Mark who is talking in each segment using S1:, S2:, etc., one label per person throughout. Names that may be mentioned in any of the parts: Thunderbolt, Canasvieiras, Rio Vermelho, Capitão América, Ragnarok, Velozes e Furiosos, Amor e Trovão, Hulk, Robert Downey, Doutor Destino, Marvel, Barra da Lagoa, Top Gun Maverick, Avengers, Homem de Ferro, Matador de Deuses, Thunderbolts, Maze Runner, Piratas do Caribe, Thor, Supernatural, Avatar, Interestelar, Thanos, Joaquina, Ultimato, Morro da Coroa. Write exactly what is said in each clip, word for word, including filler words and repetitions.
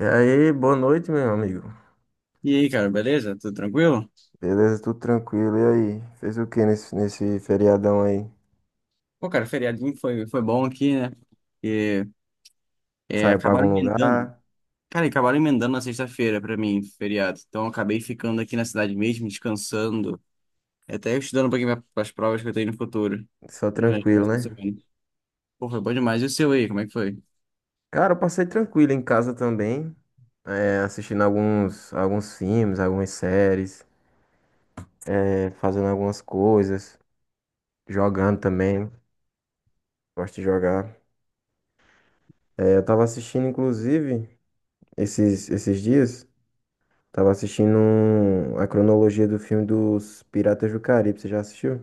S1: E aí, boa noite, meu amigo.
S2: E aí, cara, beleza? Tudo tranquilo?
S1: Beleza, tudo tranquilo. E aí? Fez o que nesse, nesse feriadão aí?
S2: Pô, cara, feriadinho foi, foi bom aqui, né? E é,
S1: Saiu pra
S2: acabaram
S1: algum
S2: emendando.
S1: lugar?
S2: Cara, acabaram emendando na sexta-feira pra mim, feriado. Então, eu acabei ficando aqui na cidade mesmo, descansando. Até estudando um pouquinho para as provas que eu tenho no futuro.
S1: Só
S2: Nas
S1: tranquilo,
S2: próximas
S1: né?
S2: semanas. Pô, foi bom demais. E o seu aí, como é que foi?
S1: Cara, eu passei tranquilo em casa também, é, assistindo alguns, alguns filmes, algumas séries, é, fazendo algumas coisas, jogando também. Gosto de jogar. É, eu tava assistindo, inclusive, esses, esses dias, tava assistindo um- a cronologia do filme dos Piratas do Caribe. Você já assistiu?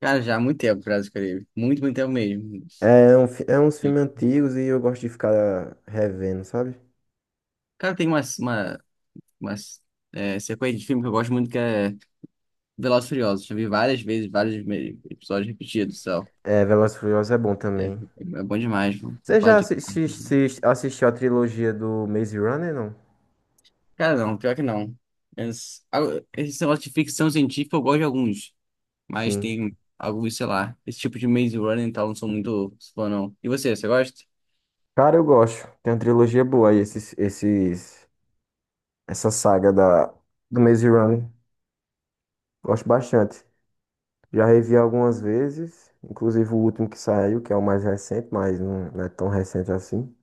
S2: Cara, já há muito tempo, Brasil Caribe. Muito, muito tempo mesmo.
S1: É, um, fi- é uns
S2: E,
S1: filmes antigos e eu gosto de ficar revendo, sabe?
S2: Cara, tem umas, uma, umas é, sequência de filme que eu gosto muito, que é Velozes e Furiosos. Já vi várias vezes, vários me- episódios repetidos.
S1: É, Velozes e Furiosos é bom
S2: É,
S1: também.
S2: é bom demais, mano. Você
S1: Você
S2: fala
S1: já
S2: de-
S1: assi-
S2: carro.
S1: assi- assistiu a trilogia do Maze Runner, não?
S2: Cara, não, pior que não. Esse, ah, esse negócio de ficção científica eu gosto de alguns, mas
S1: Sim.
S2: tem alguns, sei lá, esse tipo de Maze Runner e tal, não sou muito fã, não. E você, você gosta?
S1: Cara, eu gosto. Tem uma trilogia boa aí, esses, esses, essa saga da, do Maze Runner. Gosto bastante. Já revi algumas vezes, inclusive o último que saiu, que é o mais recente, mas não, não é tão recente assim.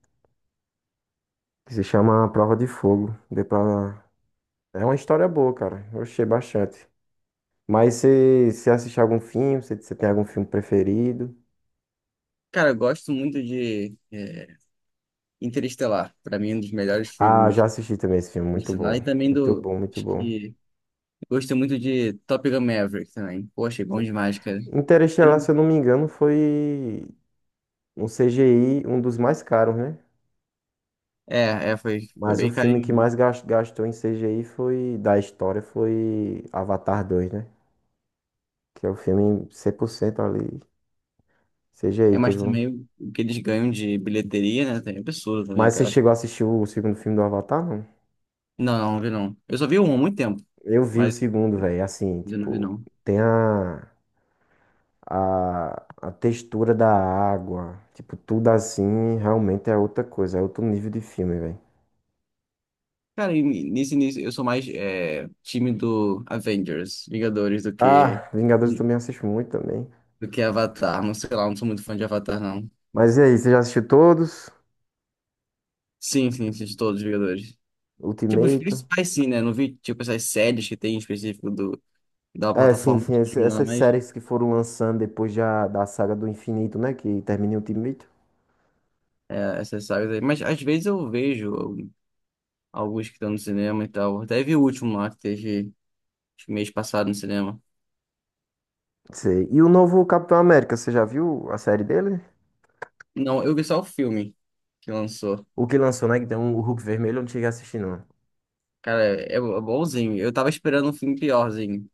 S1: Que se chama A Prova de Fogo. Deu pra... É uma história boa, cara. Eu achei bastante. Mas você, você assiste algum filme? Você, você tem algum filme preferido?
S2: Cara, eu gosto muito de é, Interestelar, pra mim é um dos melhores
S1: Ah,
S2: filmes
S1: já assisti também esse filme. Muito
S2: de lá,
S1: bom.
S2: e também
S1: Muito
S2: do,
S1: bom, muito
S2: acho
S1: bom.
S2: que, gosto muito de Top Gun Maverick também. Poxa, é bom demais, cara.
S1: Interestelar, se eu não me engano, foi um C G I, um dos mais caros, né?
S2: É, é, foi, foi
S1: Mas o
S2: bem
S1: filme que
S2: carinho, né?
S1: mais gas- gastou em C G I foi, da história foi Avatar dois, né? Que é o filme cem por cento ali.
S2: É,
S1: C G I
S2: mas
S1: teve um.
S2: também o o que eles ganham de bilheteria, né, tem é absurdo também,
S1: Mas
S2: cara.
S1: você
S2: Eu acho
S1: chegou
S2: que...
S1: a assistir o segundo filme do Avatar, não?
S2: Não, não, não vi não. Eu só vi um há muito tempo,
S1: Eu vi o
S2: mas
S1: segundo, velho. Assim,
S2: eu não vi
S1: tipo,
S2: não.
S1: tem a. a, a textura da água, tipo, tudo assim, realmente é outra coisa, é outro nível de filme, velho.
S2: Cara, e nesse início eu sou mais é, time do Avengers, Vingadores, do que
S1: Ah, Vingadores eu também assisto muito também.
S2: do que Avatar. Não sei lá, não sou muito fã de Avatar, não.
S1: Mas e aí, você já assistiu todos?
S2: Sim, sim, assisti todos os Vingadores. Tipo, os
S1: Ultimato?
S2: principais sim, né? Não vi, tipo, essas séries que tem em específico do, da
S1: É, sim,
S2: plataforma do
S1: sim, esse-
S2: streaming lá,
S1: essas
S2: mas
S1: séries que foram lançando depois já da saga do infinito, né, que termina em Ultimato.
S2: é, essas sagas aí. Mas às vezes eu vejo alguns que estão no cinema e tal. Até vi o último lá que teve acho que mês passado no cinema.
S1: Sei. E o novo Capitão América, você já viu a série dele?
S2: Não, eu vi só o filme que lançou.
S1: O que lançou, né, que tem um o Hulk vermelho, eu não cheguei a assistir, não.
S2: Cara, é é bonzinho. Eu tava esperando um filme piorzinho.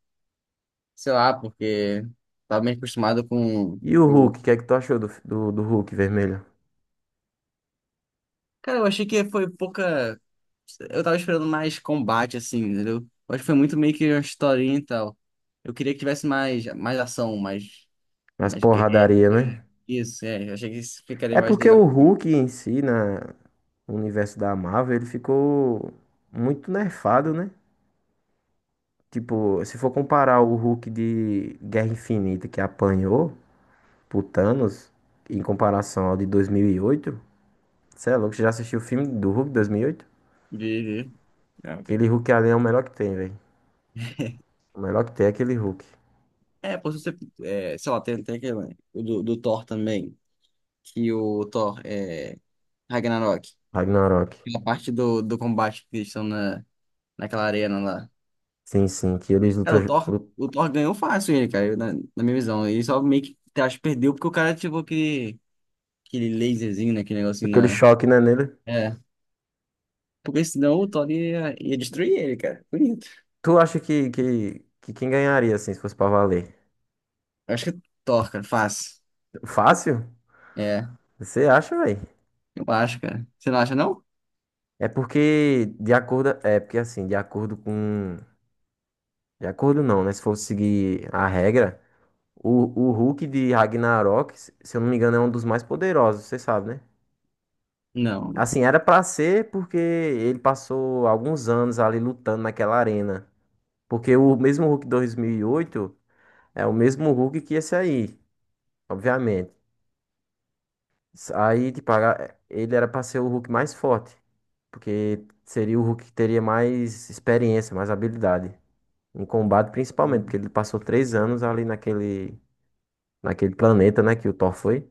S2: Sei lá, porque tava meio acostumado com
S1: E o Hulk,
S2: o.
S1: o que é que tu achou do, do, do Hulk vermelho?
S2: Cara, eu achei que foi pouca. Eu tava esperando mais combate, assim, entendeu? Eu acho que foi muito meio que uma historinha e tal. Eu queria que tivesse mais, mais ação, mais.
S1: As
S2: Mais... guerra.
S1: porradaria,
S2: É,
S1: né?
S2: isso, é. Eu achei que isso ficaria
S1: É
S2: mais
S1: porque
S2: legal.
S1: o Hulk em si, na, no universo da Marvel, ele ficou muito nerfado, né? Tipo, se for comparar o Hulk de Guerra Infinita que apanhou pro Thanos, em comparação ao de dois mil e oito, cê é louco, você já assistiu o filme do Hulk de dois mil e oito?
S2: Vi, vi. Ah, ok.
S1: Aquele Hulk ali é o melhor que tem, velho. O melhor que tem é aquele Hulk.
S2: É, pô, se você, é, sei lá, tem até aquele, o do, do Thor também, que o Thor é Ragnarok,
S1: Ragnarok.
S2: aquela parte do, do combate que eles estão na, naquela arena lá.
S1: Sim, sim, que eles
S2: Cara,
S1: lutam,
S2: o Thor,
S1: lutam
S2: o Thor ganhou fácil ele, cara, eu- na, na minha visão. Ele só meio que, acho, que perdeu porque o cara ativou aquele, aquele laserzinho, né, aquele negocinho
S1: aquele
S2: na...
S1: choque, né, nele.
S2: É, porque senão o Thor ia, ia destruir ele, cara. Bonito.
S1: Tu acha que, que, que quem ganharia, assim, se fosse pra valer?
S2: Eu acho que é Thor, cara, fácil.
S1: Fácil?
S2: É,
S1: Você acha, velho?
S2: eu acho, cara. Você não acha, não?
S1: É porque de acordo, é porque assim, de acordo com, de acordo não, né? Se for seguir a regra, o, o Hulk de Ragnarok, se eu não me engano, é um dos mais poderosos, você sabe, né?
S2: Não.
S1: Assim, era pra ser porque ele passou alguns anos ali lutando naquela arena. Porque o mesmo Hulk dois mil e oito é o mesmo Hulk que esse aí, obviamente. Aí, tipo, a- ele era pra ser o Hulk mais forte, porque seria o Hulk que teria mais experiência, mais habilidade. Em combate, principalmente, porque
S2: Hum.
S1: ele passou três anos ali naquele, naquele planeta, né? Que o Thor foi.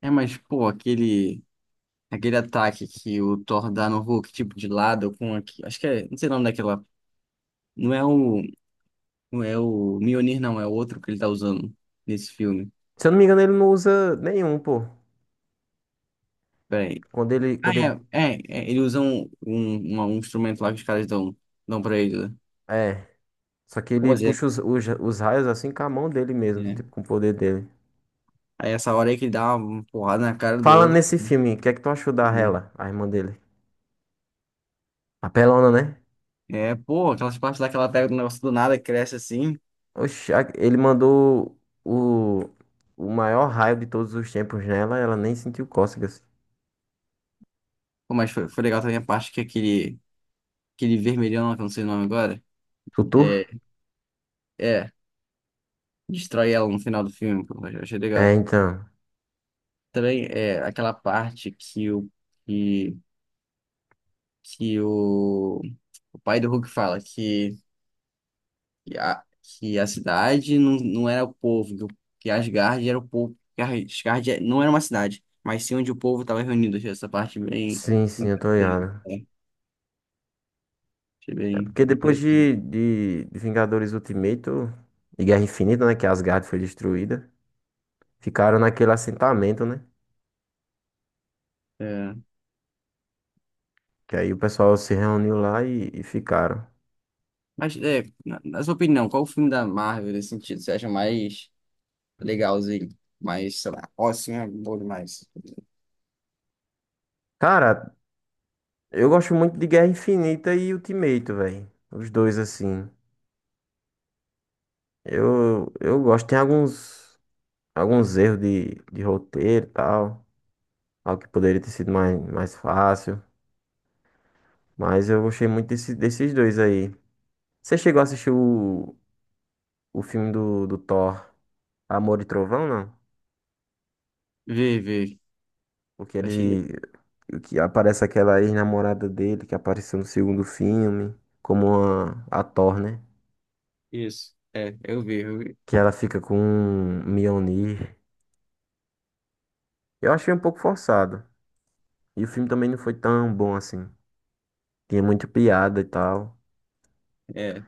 S2: É, mas, pô, aquele... Aquele ataque que o Thor dá no Hulk, tipo, de lado, com aqui. Acho que é. Não sei o nome daquela. Não é o. Não é o Mjolnir, não, é o outro que ele tá usando nesse filme.
S1: Se eu não me engano, ele não usa nenhum, pô.
S2: Peraí.
S1: Quando ele,
S2: Ah,
S1: quando ele,
S2: é, é, é, Ele usa um, um, uma- um instrumento lá que os caras dão, dão pra ele, né?
S1: é. Só que ele
S2: Pô, Zé,
S1: puxa os, os, os raios assim com a mão dele mesmo,
S2: é.
S1: tipo, com o poder dele.
S2: Aí essa hora aí que ele dá uma porrada na cara do
S1: Fala
S2: outro,
S1: nesse
S2: cara.
S1: filme, o que é que tu achou da
S2: E-
S1: Hela, a irmã dele? A pelona, né?
S2: É, pô, aquelas partes lá que ela pega do negócio do nada, cresce assim.
S1: Oxe, a- ele mandou o, o maior raio de todos os tempos nela, ela nem sentiu cócegas.
S2: Pô, mas foi, foi legal também a parte que é aquele. Aquele vermelhão lá, que eu não sei o nome agora.
S1: Tutu?
S2: É. É. Destrói ela no final do filme, pô, eu achei
S1: É,
S2: legal.
S1: então.
S2: Também é aquela parte que o, que, que o, o pai do Hulk fala que, que, a, que a cidade não, não era o povo, que, o- que Asgard era o povo, que Asgard é- não era uma cidade, mas sim onde o povo estava reunido. Achei essa parte bem
S1: Sim, sim, eu tô
S2: importante,
S1: ligado.
S2: né? Achei
S1: É
S2: bem,
S1: porque
S2: bem
S1: depois
S2: interessante.
S1: de, de, de Vingadores Ultimato e Guerra Infinita, né? Que Asgard foi destruída. Ficaram naquele assentamento, né?
S2: É,
S1: Que aí o pessoal se reuniu lá e, e ficaram.
S2: mas, é, na, na sua opinião, qual o filme da Marvel nesse sentido? Você acha mais legalzinho? Mais, sei lá, ó, assim é bom demais.
S1: Cara, eu gosto muito de Guerra Infinita e Ultimato, velho. Os dois, assim. Eu, eu gosto. Tem alguns, alguns erros de, de roteiro e tal. Algo que poderia ter sido mais, mais fácil. Mas eu gostei muito desse, desses dois aí. Você chegou a assistir o, o filme do, do Thor, Amor e Trovão, não?
S2: Vê, vê.
S1: Porque
S2: Eu achei
S1: ele. Que aparece aquela ex-namorada dele que apareceu no segundo filme, como a, a Thor, né?
S2: isso. É, eu vi, eu vi.
S1: Que ela fica com um Mjolnir. Eu achei um pouco forçado. E o filme também não foi tão bom assim. Tinha muita piada e tal.
S2: É,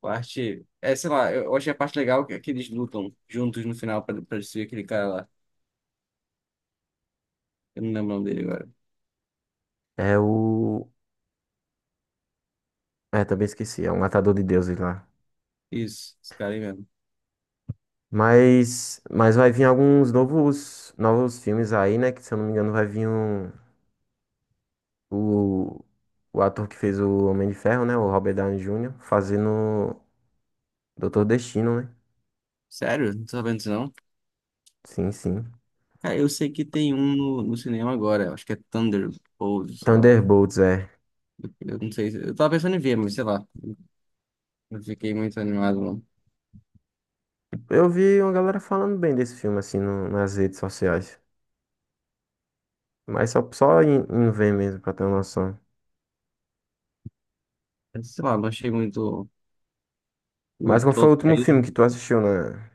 S2: parte. É, sei lá, eu eu achei a parte legal que, é que eles lutam juntos no final pra, pra destruir aquele cara lá. Eu não lembro o nome dele agora.
S1: É o. É, também esqueci. É um Matador de Deuses lá.
S2: Isso, esse cara aí mesmo.
S1: Mas. Mas vai vir alguns novos. Novos filmes aí, né? Que se eu não me engano vai vir um. O. O ator que fez o Homem de Ferro, né? O Robert Downey júnior fazendo Doutor Destino, né?
S2: Sério? Não tô sabendo disso não?
S1: Sim, sim.
S2: Cara, eu sei que tem um no, no cinema agora. Acho que é Thunderbolt, sei lá.
S1: Thunderbolts, é.
S2: Eu, eu não sei. se- Eu tava pensando em ver, mas sei lá. Não fiquei muito animado, não.
S1: Eu vi uma galera falando bem desse filme, assim, no- nas redes sociais. Mas só, só em, em ver mesmo, pra ter uma noção.
S2: Sei lá, não achei muito o
S1: Mas qual foi
S2: todo
S1: o último
S2: trailer.
S1: filme que tu assistiu na,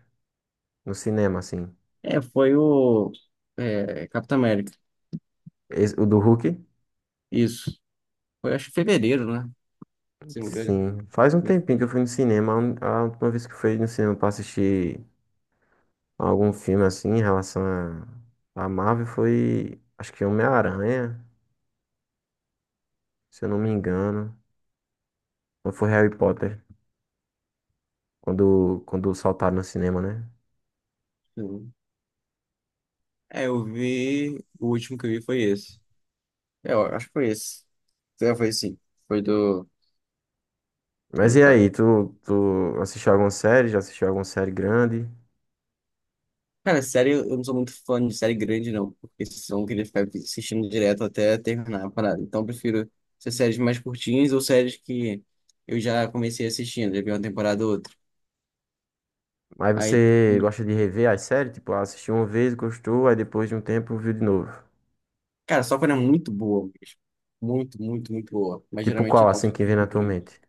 S1: no cinema, assim?
S2: É, foi o. É, Capitão América.
S1: Esse- o do Hulk?
S2: Isso. Foi, acho que fevereiro, né? Se não me engano.
S1: Sim. Faz um tempinho que eu fui no cinema. A un- a última vez que eu fui no cinema pra assistir algum filme, assim, em relação a, a Marvel foi, acho que Homem-Aranha, se eu não me engano. Ou foi Harry Potter, quando, quando saltaram no cinema, né?
S2: Sim. É, eu vi. O último que eu vi foi esse. É, eu acho que foi esse. É, foi sim. Foi do,
S1: Mas
S2: do...
S1: e
S2: Ca-
S1: aí, tu, tu assistiu alguma série? Já assistiu alguma série grande?
S2: Cara, série, eu não sou muito fã de série grande, não. Porque senão eu queria ficar assistindo direto até terminar a parada. Então eu prefiro ser séries mais curtinhas ou séries que eu já comecei assistindo. Já vi uma temporada ou outra.
S1: Mas
S2: Aí,
S1: você
S2: e,
S1: gosta de rever as séries? Tipo, ah, assistiu uma vez, gostou, aí depois de um tempo viu de novo.
S2: cara, só quando é muito boa mesmo. Muito, muito, muito boa. Mas
S1: Tipo
S2: geralmente
S1: qual,
S2: não.
S1: assim, que vem na tua mente?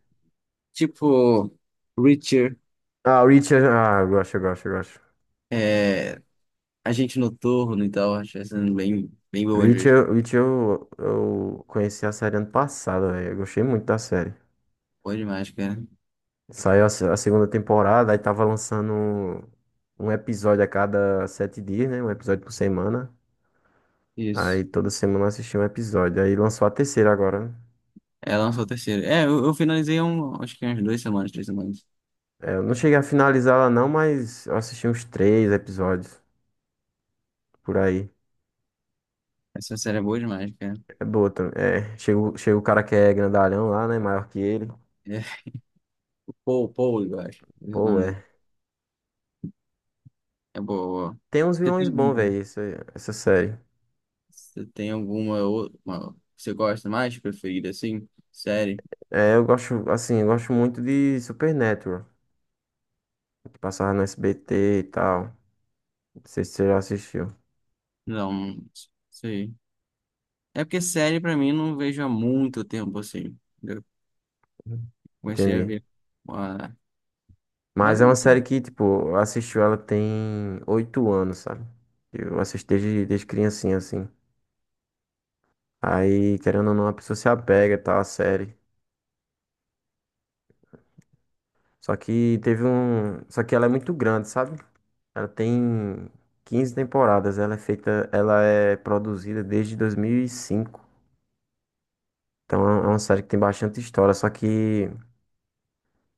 S2: Tipo, Reacher,
S1: Ah, Reacher. Ah, eu gosto, eu gosto, eu gosto.
S2: é, A gente noturno e tal, acho que tá sendo bem, bem boa às vezes.
S1: Reacher, Reacher eu, eu conheci a série ano passado, velho. Eu gostei muito da série.
S2: Boa demais, cara.
S1: Saiu a, se- a segunda temporada, aí tava lançando um um episódio a cada sete dias, né? Um episódio por semana. Aí
S2: Isso.
S1: toda semana eu assistia um episódio. Aí lançou a terceira agora, né?
S2: É, lançou a terceira. É, eu, eu finalizei há um, acho que umas duas semanas, três semanas.
S1: É, eu não cheguei a finalizar ela não, mas eu assisti uns três episódios por aí.
S2: Essa série é boa demais, cara.
S1: É boa também. É, chega, o- chega o cara que é grandalhão lá, né? Maior que ele.
S2: É. Paul, Paul, eu acho. Esse é o
S1: Pô,
S2: nome dele.
S1: é.
S2: É boa, boa.
S1: Tem uns
S2: Você
S1: vilões
S2: tem
S1: bons,
S2: algum,
S1: velho, essa, essa série.
S2: você tem alguma ou- uma, você gosta mais, preferida, assim? Série?
S1: É, eu gosto, assim, eu gosto muito de Supernatural, que passava no S B T e tal. Não sei se você já assistiu.
S2: Não, não sei. É porque série pra mim não vejo há muito tempo, assim. Eu
S1: Uhum.
S2: comecei a
S1: Entendi.
S2: ver uma... Mas,
S1: Mas é uma série que, tipo, eu assisti ela tem oito anos, sabe? Eu assisti desde, desde criancinha, assim. Aí, querendo ou não, a pessoa se apega e tal, à série. Só que teve um. Só que ela é muito grande, sabe? Ela tem quinze temporadas. Ela é feita. Ela é produzida desde dois mil e cinco. Então é uma série que tem bastante história. Só que.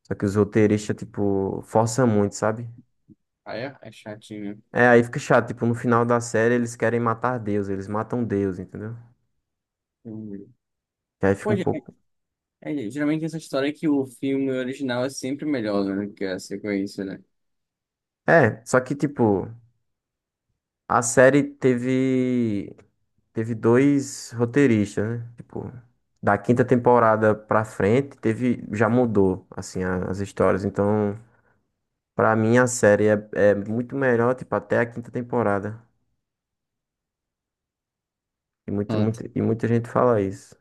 S1: Só que os roteiristas, tipo, forçam muito, sabe?
S2: ah, é? É chatinho,
S1: É, aí fica chato. Tipo, no final da série eles querem matar Deus. Eles matam Deus, entendeu?
S2: né?
S1: E aí fica
S2: Pô,
S1: um
S2: ge-
S1: pouco.
S2: é, geralmente essa história é que o filme original é sempre melhor, né, do que a sequência, né?
S1: É, só que, tipo, a série teve. Teve dois roteiristas, né? Tipo, da quinta temporada pra frente, teve, já mudou, assim, a- as histórias. Então, pra mim, a série é, é muito melhor, tipo, até a quinta temporada. E, muito,
S2: Ah,
S1: muito, e muita gente fala isso.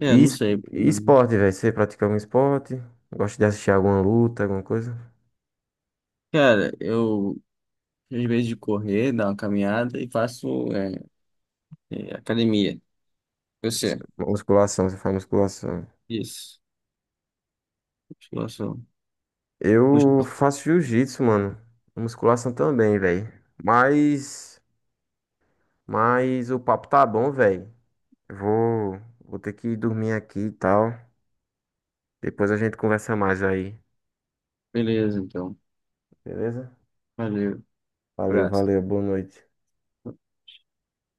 S2: é,
S1: E,
S2: não
S1: es-
S2: sei,
S1: e
S2: né.
S1: esporte, velho? Você pratica algum esporte? Gosta de assistir alguma luta, alguma coisa?
S2: Cara, eu, às vezes de correr, dar uma caminhada e faço é, é, academia. Você?
S1: Musculação, você faz musculação.
S2: Isso. Musculação.
S1: Eu
S2: Musculação.
S1: faço jiu-jitsu, mano. Musculação também, velho. Mas, mas o papo tá bom, velho. Vou, vou ter que dormir aqui e tal. Depois a gente conversa mais aí,
S2: Beleza, então.
S1: beleza?
S2: Valeu.
S1: Valeu,
S2: Abraço.
S1: valeu, boa noite.